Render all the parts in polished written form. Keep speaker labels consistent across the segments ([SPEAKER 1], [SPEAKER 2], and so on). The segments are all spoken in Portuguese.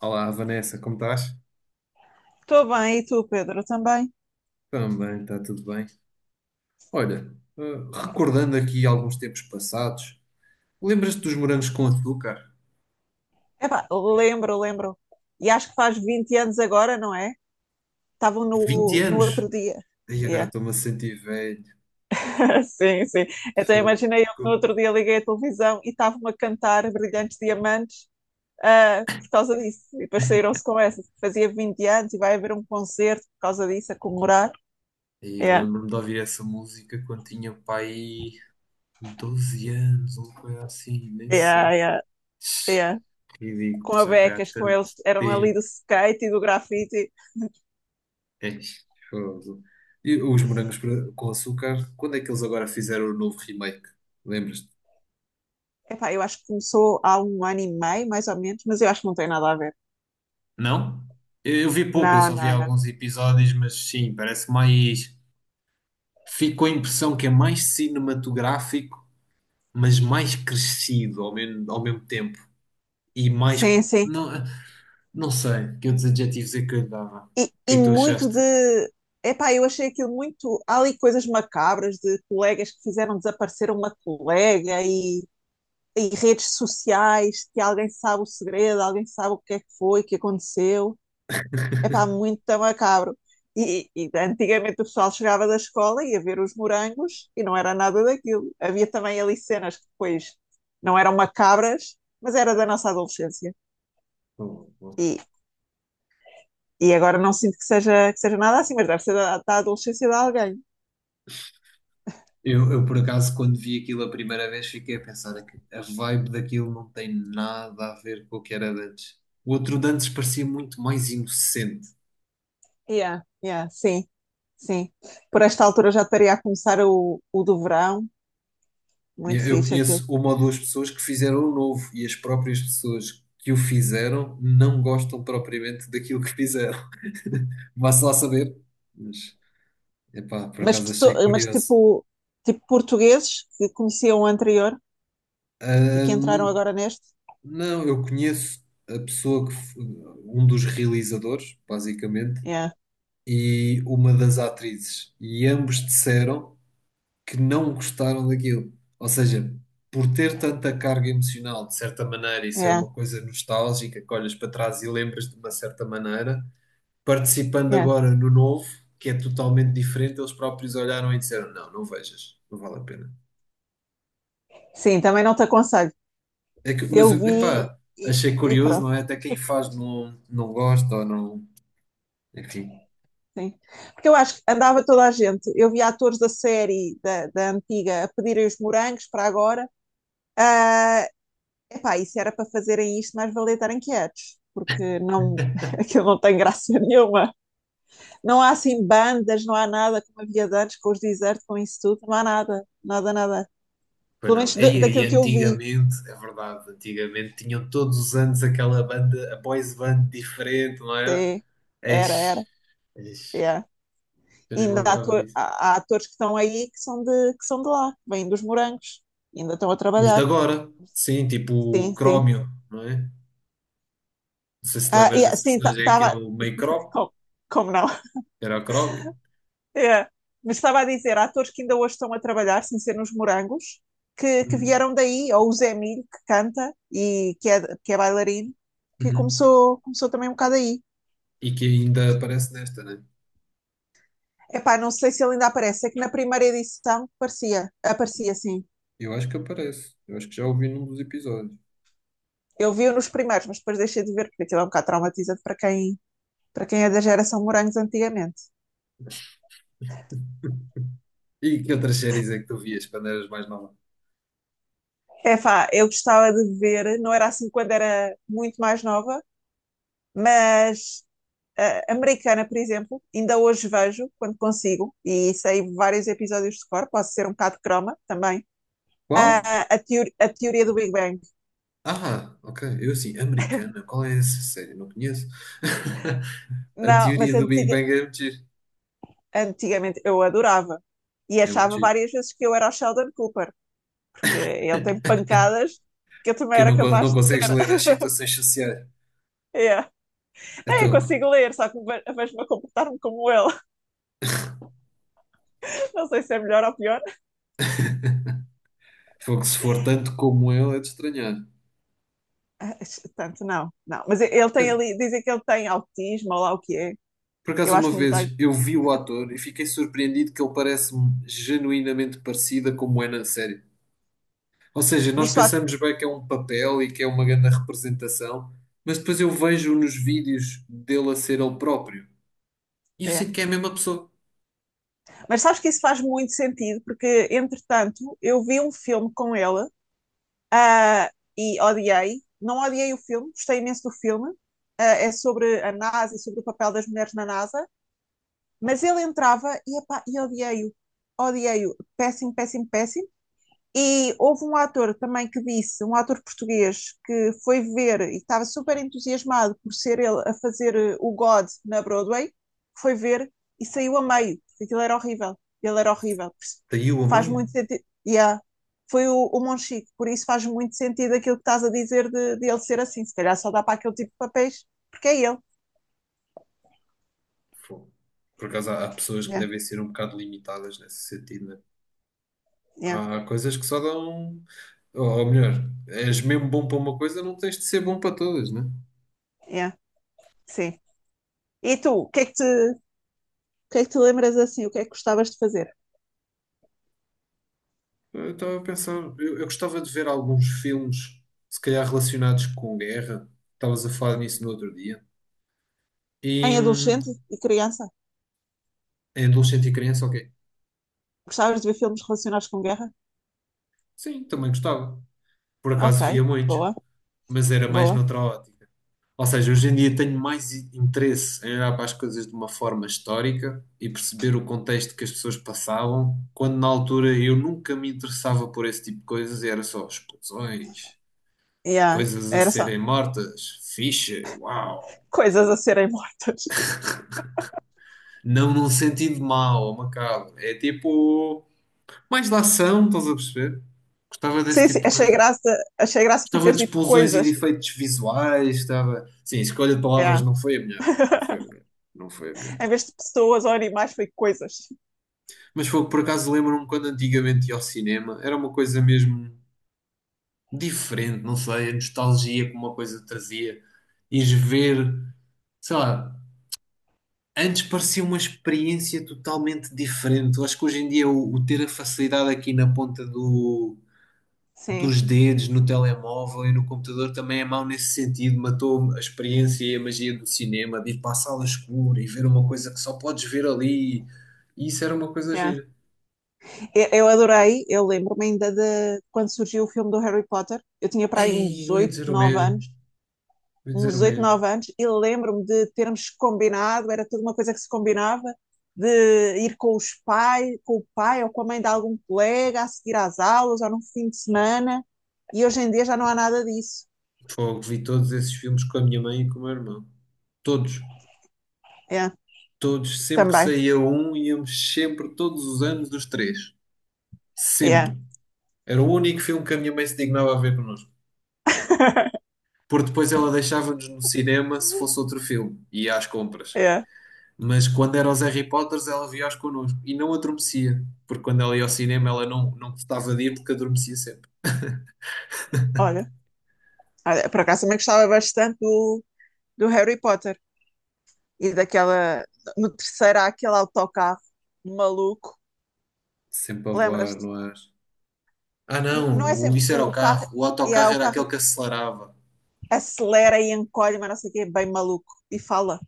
[SPEAKER 1] Olá, Vanessa, como estás?
[SPEAKER 2] Estou bem, e tu, Pedro, também?
[SPEAKER 1] Também, está tudo bem. Olha, recordando aqui alguns tempos passados, lembras-te dos morangos com açúcar?
[SPEAKER 2] Epá, lembro, lembro. E acho que faz 20 anos agora, não é? Estavam
[SPEAKER 1] Vinte
[SPEAKER 2] no
[SPEAKER 1] anos!
[SPEAKER 2] outro dia.
[SPEAKER 1] E agora
[SPEAKER 2] Yeah.
[SPEAKER 1] estou-me a sentir velho.
[SPEAKER 2] Sim, sim. Então
[SPEAKER 1] Fogo.
[SPEAKER 2] imaginei eu que no outro dia liguei a televisão e estavam a cantar Brilhantes Diamantes, ah, por causa disso. E depois saíram-se com essa. Fazia 20 anos e vai haver um concerto por causa disso, a comemorar.
[SPEAKER 1] E eu
[SPEAKER 2] Yeah.
[SPEAKER 1] lembro-me de ouvir essa música quando tinha pai 12 anos, ou coisa assim, nem sei.
[SPEAKER 2] Yeah, yeah, yeah. Com
[SPEAKER 1] Ridículo,
[SPEAKER 2] a
[SPEAKER 1] já foi há
[SPEAKER 2] Becas, com
[SPEAKER 1] tanto
[SPEAKER 2] eles, eram ali
[SPEAKER 1] tempo.
[SPEAKER 2] do skate e do grafite.
[SPEAKER 1] É, fogo. E os morangos com açúcar, quando é que eles agora fizeram o novo remake? Lembras
[SPEAKER 2] Epá, eu acho que começou há um ano e meio, mais ou menos, mas eu acho que não tem nada a ver.
[SPEAKER 1] Não? Eu vi pouco, eu
[SPEAKER 2] Não,
[SPEAKER 1] só vi
[SPEAKER 2] não, não.
[SPEAKER 1] alguns episódios, mas sim, parece mais. Fico com a impressão que é mais cinematográfico, mas mais crescido ao mesmo tempo. E mais.
[SPEAKER 2] Sim, sim.
[SPEAKER 1] Não, não sei que outros adjetivos é que eu lhe dava.
[SPEAKER 2] E,
[SPEAKER 1] O que
[SPEAKER 2] e
[SPEAKER 1] é que tu
[SPEAKER 2] muito de.
[SPEAKER 1] achaste?
[SPEAKER 2] Epá, eu achei aquilo muito. Há ali coisas macabras de colegas que fizeram desaparecer uma colega e redes sociais que alguém sabe o segredo, alguém sabe o que é que foi, o que aconteceu. Epá, muito macabro. E antigamente o pessoal chegava da escola e ia ver os morangos e não era nada daquilo. Havia também ali cenas que depois não eram macabras, mas era da nossa adolescência.
[SPEAKER 1] Bom, bom.
[SPEAKER 2] E agora não sinto que seja, nada assim, mas deve ser da adolescência de alguém.
[SPEAKER 1] Por acaso, quando vi aquilo a primeira vez, fiquei a pensar que a vibe daquilo não tem nada a ver com o que era de antes. O outro de antes parecia muito mais inocente.
[SPEAKER 2] Yeah, yeah, sim, sim. Por esta altura já estaria a começar o do verão, muito
[SPEAKER 1] Eu
[SPEAKER 2] fixe aquilo.
[SPEAKER 1] conheço uma ou duas pessoas que fizeram o novo e as próprias pessoas que o fizeram não gostam propriamente daquilo que fizeram. Vá-se lá saber. Mas, epá, por
[SPEAKER 2] Mas,
[SPEAKER 1] acaso
[SPEAKER 2] pesso-
[SPEAKER 1] achei
[SPEAKER 2] mas
[SPEAKER 1] curioso.
[SPEAKER 2] tipo, portugueses que conheciam o anterior e que entraram
[SPEAKER 1] Ahn,
[SPEAKER 2] agora neste.
[SPEAKER 1] não, eu conheço a pessoa que, um dos realizadores, basicamente,
[SPEAKER 2] Yeah,
[SPEAKER 1] e uma das atrizes. E ambos disseram que não gostaram daquilo. Ou seja, por ter tanta carga emocional, de certa maneira, e ser
[SPEAKER 2] yeah,
[SPEAKER 1] uma coisa nostálgica que olhas para trás e lembras de uma certa maneira, participando
[SPEAKER 2] yeah.
[SPEAKER 1] agora no novo, que é totalmente diferente, eles próprios olharam e disseram: não, não vejas, não vale a pena.
[SPEAKER 2] Sim, também não te aconselho.
[SPEAKER 1] É que, mas,
[SPEAKER 2] Eu vi
[SPEAKER 1] epá,
[SPEAKER 2] e,
[SPEAKER 1] achei
[SPEAKER 2] e
[SPEAKER 1] curioso,
[SPEAKER 2] pronto,
[SPEAKER 1] não é? Até quem faz não, não gosta ou não. Enfim.
[SPEAKER 2] sim. Porque eu acho que andava toda a gente. Eu vi atores da série, da antiga, a pedirem os morangos para agora. Epá, e se era para fazerem isto, mais valia estarem quietos, porque não, aquilo não tem graça nenhuma. Não há assim bandas, não há nada como havia de antes, com os desertos, com isso tudo, não há nada, nada, nada.
[SPEAKER 1] Pois
[SPEAKER 2] Pelo
[SPEAKER 1] não.
[SPEAKER 2] menos
[SPEAKER 1] E aí,
[SPEAKER 2] daquilo que eu vi,
[SPEAKER 1] antigamente, é verdade, antigamente tinham todos os anos aquela banda, a boys band diferente, não era?
[SPEAKER 2] sim, era,
[SPEAKER 1] Eis, eis,
[SPEAKER 2] yeah.
[SPEAKER 1] eu
[SPEAKER 2] E
[SPEAKER 1] nem me
[SPEAKER 2] ainda há,
[SPEAKER 1] lembrava disso.
[SPEAKER 2] há atores que estão aí que são de, lá, que vêm dos morangos, ainda estão a
[SPEAKER 1] Os de
[SPEAKER 2] trabalhar,
[SPEAKER 1] agora, sim, tipo o
[SPEAKER 2] sim, sim.
[SPEAKER 1] Crómio, não é? Não sei se te
[SPEAKER 2] Ah,
[SPEAKER 1] lembras
[SPEAKER 2] yeah,
[SPEAKER 1] desse
[SPEAKER 2] sim,
[SPEAKER 1] personagem, é que é
[SPEAKER 2] estava,
[SPEAKER 1] o meio Crómio,
[SPEAKER 2] como, como não?
[SPEAKER 1] era o Crómio.
[SPEAKER 2] É. Mas estava a dizer, há atores que ainda hoje estão a trabalhar, sem ser nos Morangos, que
[SPEAKER 1] Hum,
[SPEAKER 2] vieram daí, ou o Zé Milho, que canta e que é bailarino, que
[SPEAKER 1] uhum.
[SPEAKER 2] começou também um bocado aí.
[SPEAKER 1] E que ainda aparece nesta, né?
[SPEAKER 2] Epá, não sei se ele ainda aparece, é que na primeira edição parecia, aparecia sim.
[SPEAKER 1] Eu acho que aparece. Eu acho que já ouvi num dos episódios.
[SPEAKER 2] Eu vi-o nos primeiros, mas depois deixei de ver, porque aquilo é um bocado traumatizante para quem é da geração Morangos antigamente.
[SPEAKER 1] E que outras séries é que tu vias quando eras mais nova?
[SPEAKER 2] Epá, eu gostava de ver, não era assim quando era muito mais nova, mas americana, por exemplo, ainda hoje vejo, quando consigo, e sei vários episódios de cor, posso ser um bocado croma também,
[SPEAKER 1] Qual?
[SPEAKER 2] ah, a teoria do Big Bang.
[SPEAKER 1] Ah, ok. Eu assim, americana? Qual é essa série? Não conheço. A
[SPEAKER 2] Não, mas
[SPEAKER 1] teoria do Big Bang é muito giro.
[SPEAKER 2] antigamente eu adorava. E
[SPEAKER 1] É muito
[SPEAKER 2] achava
[SPEAKER 1] giro.
[SPEAKER 2] várias vezes que eu era o Sheldon Cooper, porque ele tem pancadas que eu também
[SPEAKER 1] Que
[SPEAKER 2] era
[SPEAKER 1] não, não
[SPEAKER 2] capaz de
[SPEAKER 1] consegues ler as
[SPEAKER 2] ter.
[SPEAKER 1] situações sociais.
[SPEAKER 2] Yeah. É, eu
[SPEAKER 1] Então,
[SPEAKER 2] consigo ler, só que vejo-me a comportar-me como ele. Não sei se é melhor ou pior.
[SPEAKER 1] fogo, se for tanto como ele, é de estranhar.
[SPEAKER 2] Ah, tanto não, não. Mas ele tem
[SPEAKER 1] Cara,
[SPEAKER 2] ali, dizem que ele tem autismo ou lá o que é.
[SPEAKER 1] por
[SPEAKER 2] Eu
[SPEAKER 1] acaso,
[SPEAKER 2] acho
[SPEAKER 1] uma
[SPEAKER 2] que não tem.
[SPEAKER 1] vez eu vi o ator e fiquei surpreendido que ele parece-me genuinamente parecida como é na série. Ou seja, nós
[SPEAKER 2] Viste o.
[SPEAKER 1] pensamos bem que é um papel e que é uma grande representação, mas depois eu vejo nos vídeos dele a ser ele próprio e eu
[SPEAKER 2] É.
[SPEAKER 1] sinto que é a mesma pessoa.
[SPEAKER 2] Mas sabes que isso faz muito sentido, porque, entretanto, eu vi um filme com ela, ah, e odiei. Não odiei o filme, gostei imenso do filme. Ah, é sobre a NASA e sobre o papel das mulheres na NASA, mas ele entrava e, epá, e odiei-o. Odiei-o. Péssimo, péssimo, péssimo. E houve um ator também que disse, um ator português, que foi ver e estava super entusiasmado por ser ele a fazer o God na Broadway, foi ver e saiu a meio, porque aquilo era horrível. Ele era horrível.
[SPEAKER 1] Caiu a
[SPEAKER 2] Faz
[SPEAKER 1] meio?
[SPEAKER 2] muito sentido. Yeah. Foi o Monchique, por isso faz muito sentido aquilo que estás a dizer de ele ser assim. Se calhar só dá para aquele tipo de papéis, porque é ele.
[SPEAKER 1] Fogo. Por acaso há pessoas que
[SPEAKER 2] Yeah,
[SPEAKER 1] devem ser um bocado limitadas nesse sentido, né?
[SPEAKER 2] yeah,
[SPEAKER 1] Há coisas que só dão. Ou, melhor, és mesmo bom para uma coisa, não tens de ser bom para todas, né?
[SPEAKER 2] yeah. Sim. E tu, o que é que te, lembras assim? O que é que gostavas de fazer?
[SPEAKER 1] Eu estava a pensar, eu gostava de ver alguns filmes, se calhar relacionados com guerra. Estavas a falar nisso no outro dia. E
[SPEAKER 2] Em adolescente e criança?
[SPEAKER 1] em adolescente e criança, ok.
[SPEAKER 2] Gostavas de ver filmes relacionados com guerra?
[SPEAKER 1] Sim, também gostava. Por
[SPEAKER 2] Ok,
[SPEAKER 1] acaso via muitos,
[SPEAKER 2] boa,
[SPEAKER 1] mas era mais
[SPEAKER 2] boa.
[SPEAKER 1] noutra ótica. Ou seja, hoje em dia tenho mais interesse em olhar para as coisas de uma forma histórica e perceber o contexto que as pessoas passavam, quando na altura eu nunca me interessava por esse tipo de coisas e era só explosões,
[SPEAKER 2] Yeah,
[SPEAKER 1] coisas a
[SPEAKER 2] era só
[SPEAKER 1] serem mortas, fixe, uau.
[SPEAKER 2] coisas a serem mortas.
[SPEAKER 1] Não num sentido mau ou macabro, é tipo mais da ação, estás a perceber? Gostava desse
[SPEAKER 2] Sim,
[SPEAKER 1] tipo
[SPEAKER 2] sim,
[SPEAKER 1] de
[SPEAKER 2] achei
[SPEAKER 1] coisas.
[SPEAKER 2] graça, foi
[SPEAKER 1] Gostava
[SPEAKER 2] ter
[SPEAKER 1] de
[SPEAKER 2] tipo
[SPEAKER 1] explosões e de
[SPEAKER 2] coisas.
[SPEAKER 1] efeitos visuais, gostava. Sim, a escolha de palavras
[SPEAKER 2] Yeah.
[SPEAKER 1] não foi a melhor. Não foi a melhor. Não foi a melhor.
[SPEAKER 2] Em vez de pessoas ou animais, foi coisas.
[SPEAKER 1] Mas foi por acaso lembro-me quando antigamente ia ao cinema, era uma coisa mesmo diferente, não sei, a nostalgia que uma coisa trazia. Ires ver, sei lá, antes parecia uma experiência totalmente diferente. Eu acho que hoje em dia o ter a facilidade aqui na ponta
[SPEAKER 2] Sim,
[SPEAKER 1] dos dedos, no telemóvel e no computador também é mau nesse sentido. Matou a experiência e a magia do cinema, de ir para a sala escura e ver uma coisa que só podes ver ali. E isso era uma coisa
[SPEAKER 2] é.
[SPEAKER 1] gira.
[SPEAKER 2] Eu adorei, eu lembro-me ainda de quando surgiu o filme do Harry Potter. Eu tinha para aí
[SPEAKER 1] Ei,
[SPEAKER 2] uns
[SPEAKER 1] eu ia
[SPEAKER 2] 8,
[SPEAKER 1] dizer o
[SPEAKER 2] 9
[SPEAKER 1] mesmo.
[SPEAKER 2] anos,
[SPEAKER 1] Vou dizer o mesmo.
[SPEAKER 2] e lembro-me de termos combinado, era toda uma coisa que se combinava, de ir com os pais, com o pai ou com a mãe de algum colega a seguir às aulas ou num fim de semana, e hoje em dia já não há nada disso.
[SPEAKER 1] Fogo, vi todos esses filmes com a minha mãe e com o meu irmão. Todos.
[SPEAKER 2] É,
[SPEAKER 1] Todos. Sempre que
[SPEAKER 2] também.
[SPEAKER 1] saía um, íamos sempre, todos os anos, os três.
[SPEAKER 2] É.
[SPEAKER 1] Sempre. Era o único filme que a minha mãe se dignava a ver connosco. Porque depois ela deixava-nos no cinema se fosse outro filme. E ia às compras.
[SPEAKER 2] É,
[SPEAKER 1] Mas quando era os Harry Potters, ela via-os connosco. E não adormecia. Porque quando ela ia ao cinema, ela não, não gostava de ir porque adormecia sempre.
[SPEAKER 2] olha. Olha, por acaso também gostava bastante do Harry Potter e daquela. No terceiro há aquele autocarro maluco,
[SPEAKER 1] Sempre a voar
[SPEAKER 2] lembras-te?
[SPEAKER 1] no ar. Ah, não.
[SPEAKER 2] Não é sempre.
[SPEAKER 1] Isso era o
[SPEAKER 2] O carro.
[SPEAKER 1] carro. O
[SPEAKER 2] É,
[SPEAKER 1] autocarro
[SPEAKER 2] o
[SPEAKER 1] era
[SPEAKER 2] carro
[SPEAKER 1] aquele que acelerava.
[SPEAKER 2] acelera e encolhe, mas não sei o quê, bem maluco. E fala.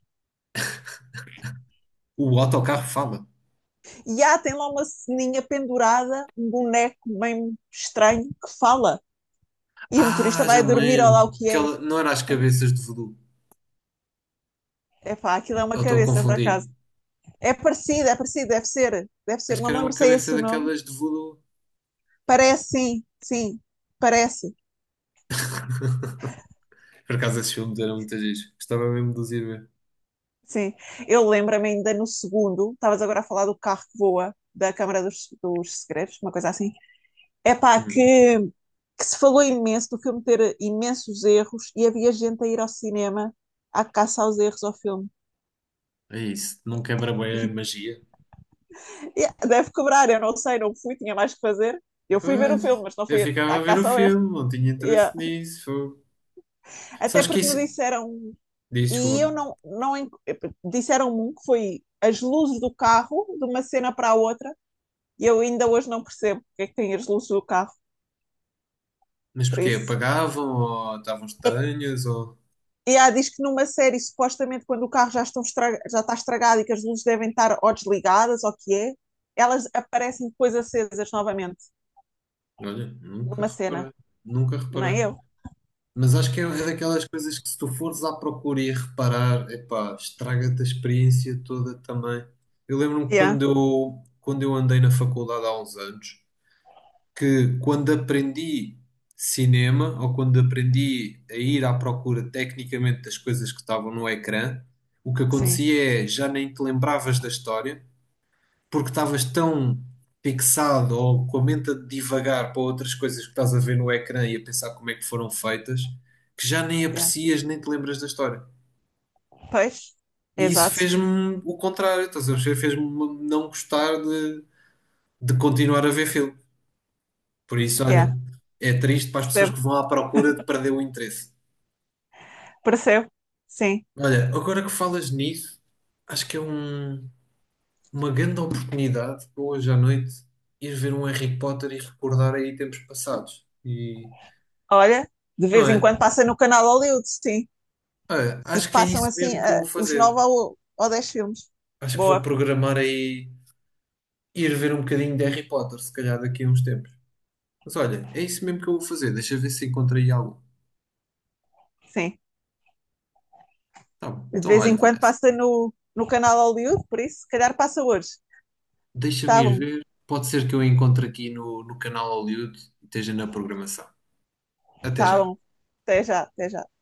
[SPEAKER 1] O autocarro fala.
[SPEAKER 2] E há, tem lá uma ceninha pendurada, um boneco bem estranho que fala. E o motorista
[SPEAKER 1] Ah, já
[SPEAKER 2] vai
[SPEAKER 1] me
[SPEAKER 2] dormir, olha lá
[SPEAKER 1] lembro.
[SPEAKER 2] o que é.
[SPEAKER 1] Aquela, não era as cabeças de voodoo.
[SPEAKER 2] É pá, aquilo é uma
[SPEAKER 1] Ou estou a
[SPEAKER 2] cabeça, por
[SPEAKER 1] confundir.
[SPEAKER 2] acaso. É parecido, deve ser. Deve ser,
[SPEAKER 1] Acho que
[SPEAKER 2] não me
[SPEAKER 1] era uma
[SPEAKER 2] lembro se é
[SPEAKER 1] cabeça
[SPEAKER 2] esse o nome.
[SPEAKER 1] daquelas de voodoo.
[SPEAKER 2] Parece, sim, sim, parece.
[SPEAKER 1] Por acaso esses filmes eram muitas vezes. Gostava mesmo de os ir ver.
[SPEAKER 2] Sim, eu lembro-me ainda no segundo, estavas agora a falar do carro que voa, da Câmara dos Segredos, uma coisa assim. É pá,
[SPEAKER 1] Hum,
[SPEAKER 2] que se falou imenso do filme ter imensos erros e havia gente a ir ao cinema à caça aos erros ao filme.
[SPEAKER 1] é isso. Não quebra bem a magia.
[SPEAKER 2] E deve cobrar, eu não sei, não fui, tinha mais que fazer. Eu fui ver o filme,
[SPEAKER 1] Pois,
[SPEAKER 2] mas não
[SPEAKER 1] eu
[SPEAKER 2] fui
[SPEAKER 1] ficava
[SPEAKER 2] à
[SPEAKER 1] a ver o
[SPEAKER 2] caça ao erro.
[SPEAKER 1] filme. Não tinha
[SPEAKER 2] E,
[SPEAKER 1] interesse nisso. Fogo.
[SPEAKER 2] até
[SPEAKER 1] Sabes que
[SPEAKER 2] porque me
[SPEAKER 1] isso...
[SPEAKER 2] disseram,
[SPEAKER 1] Diz,
[SPEAKER 2] e
[SPEAKER 1] desculpa.
[SPEAKER 2] eu não, não disseram-me um que foi as luzes do carro, de uma cena para a outra, e eu ainda hoje não percebo porque é que tem as luzes do carro,
[SPEAKER 1] Mas
[SPEAKER 2] por
[SPEAKER 1] porquê?
[SPEAKER 2] isso.
[SPEAKER 1] Apagavam ou estavam
[SPEAKER 2] É.
[SPEAKER 1] estranhas ou...
[SPEAKER 2] E há, diz que numa série, supostamente, quando o carro já, estão já está estragado e que as luzes devem estar ou desligadas, ou o que é, elas aparecem depois acesas novamente,
[SPEAKER 1] Olha, nunca
[SPEAKER 2] numa cena.
[SPEAKER 1] reparei. Nunca
[SPEAKER 2] Não
[SPEAKER 1] reparei.
[SPEAKER 2] é eu?
[SPEAKER 1] Mas acho que é daquelas coisas que se tu fores à procura e a reparar, epá, estraga-te a experiência toda também. Eu lembro-me
[SPEAKER 2] Yeah,
[SPEAKER 1] quando eu andei na faculdade há uns anos, que quando aprendi cinema, ou quando aprendi a ir à procura tecnicamente das coisas que estavam no ecrã, o que
[SPEAKER 2] sim,
[SPEAKER 1] acontecia é, já nem te lembravas da história, porque estavas tão fixado ou com a mente a divagar para outras coisas que estás a ver no ecrã e a pensar como é que foram feitas, que já nem
[SPEAKER 2] yeah.
[SPEAKER 1] aprecias nem te lembras da história.
[SPEAKER 2] Pois,
[SPEAKER 1] E isso
[SPEAKER 2] exato,
[SPEAKER 1] fez-me o contrário, estás a perceber? Fez-me não gostar de continuar a ver filme. Por isso,
[SPEAKER 2] yeah.
[SPEAKER 1] olha, é triste para as pessoas
[SPEAKER 2] Percebo,
[SPEAKER 1] que vão à procura de perder o interesse.
[SPEAKER 2] percebo, sim.
[SPEAKER 1] Olha, agora que falas nisso, acho que é uma grande oportunidade para hoje à noite ir ver um Harry Potter e recordar aí tempos passados. E
[SPEAKER 2] Olha, de
[SPEAKER 1] não
[SPEAKER 2] vez em
[SPEAKER 1] é?
[SPEAKER 2] quando passa no canal Hollywood, sim.
[SPEAKER 1] Olha,
[SPEAKER 2] E
[SPEAKER 1] acho que é
[SPEAKER 2] passam
[SPEAKER 1] isso
[SPEAKER 2] assim
[SPEAKER 1] mesmo que eu
[SPEAKER 2] ah,
[SPEAKER 1] vou
[SPEAKER 2] os
[SPEAKER 1] fazer.
[SPEAKER 2] nove ou, dez filmes.
[SPEAKER 1] Acho que vou
[SPEAKER 2] Boa,
[SPEAKER 1] programar aí ir ver um bocadinho de Harry Potter, se calhar daqui a uns tempos. Mas olha, é isso mesmo que eu vou fazer. Deixa eu ver se encontro aí algo.
[SPEAKER 2] sim.
[SPEAKER 1] Tá bom.
[SPEAKER 2] De
[SPEAKER 1] Então
[SPEAKER 2] vez em
[SPEAKER 1] olha,
[SPEAKER 2] quando
[SPEAKER 1] Vanessa,
[SPEAKER 2] passa no canal Hollywood, por isso, se calhar passa hoje.
[SPEAKER 1] deixa-me
[SPEAKER 2] Tá
[SPEAKER 1] ir
[SPEAKER 2] bom.
[SPEAKER 1] ver. Pode ser que eu encontre aqui no canal Hollywood e esteja na programação. Até
[SPEAKER 2] Tá
[SPEAKER 1] já.
[SPEAKER 2] bom. Até já, até já.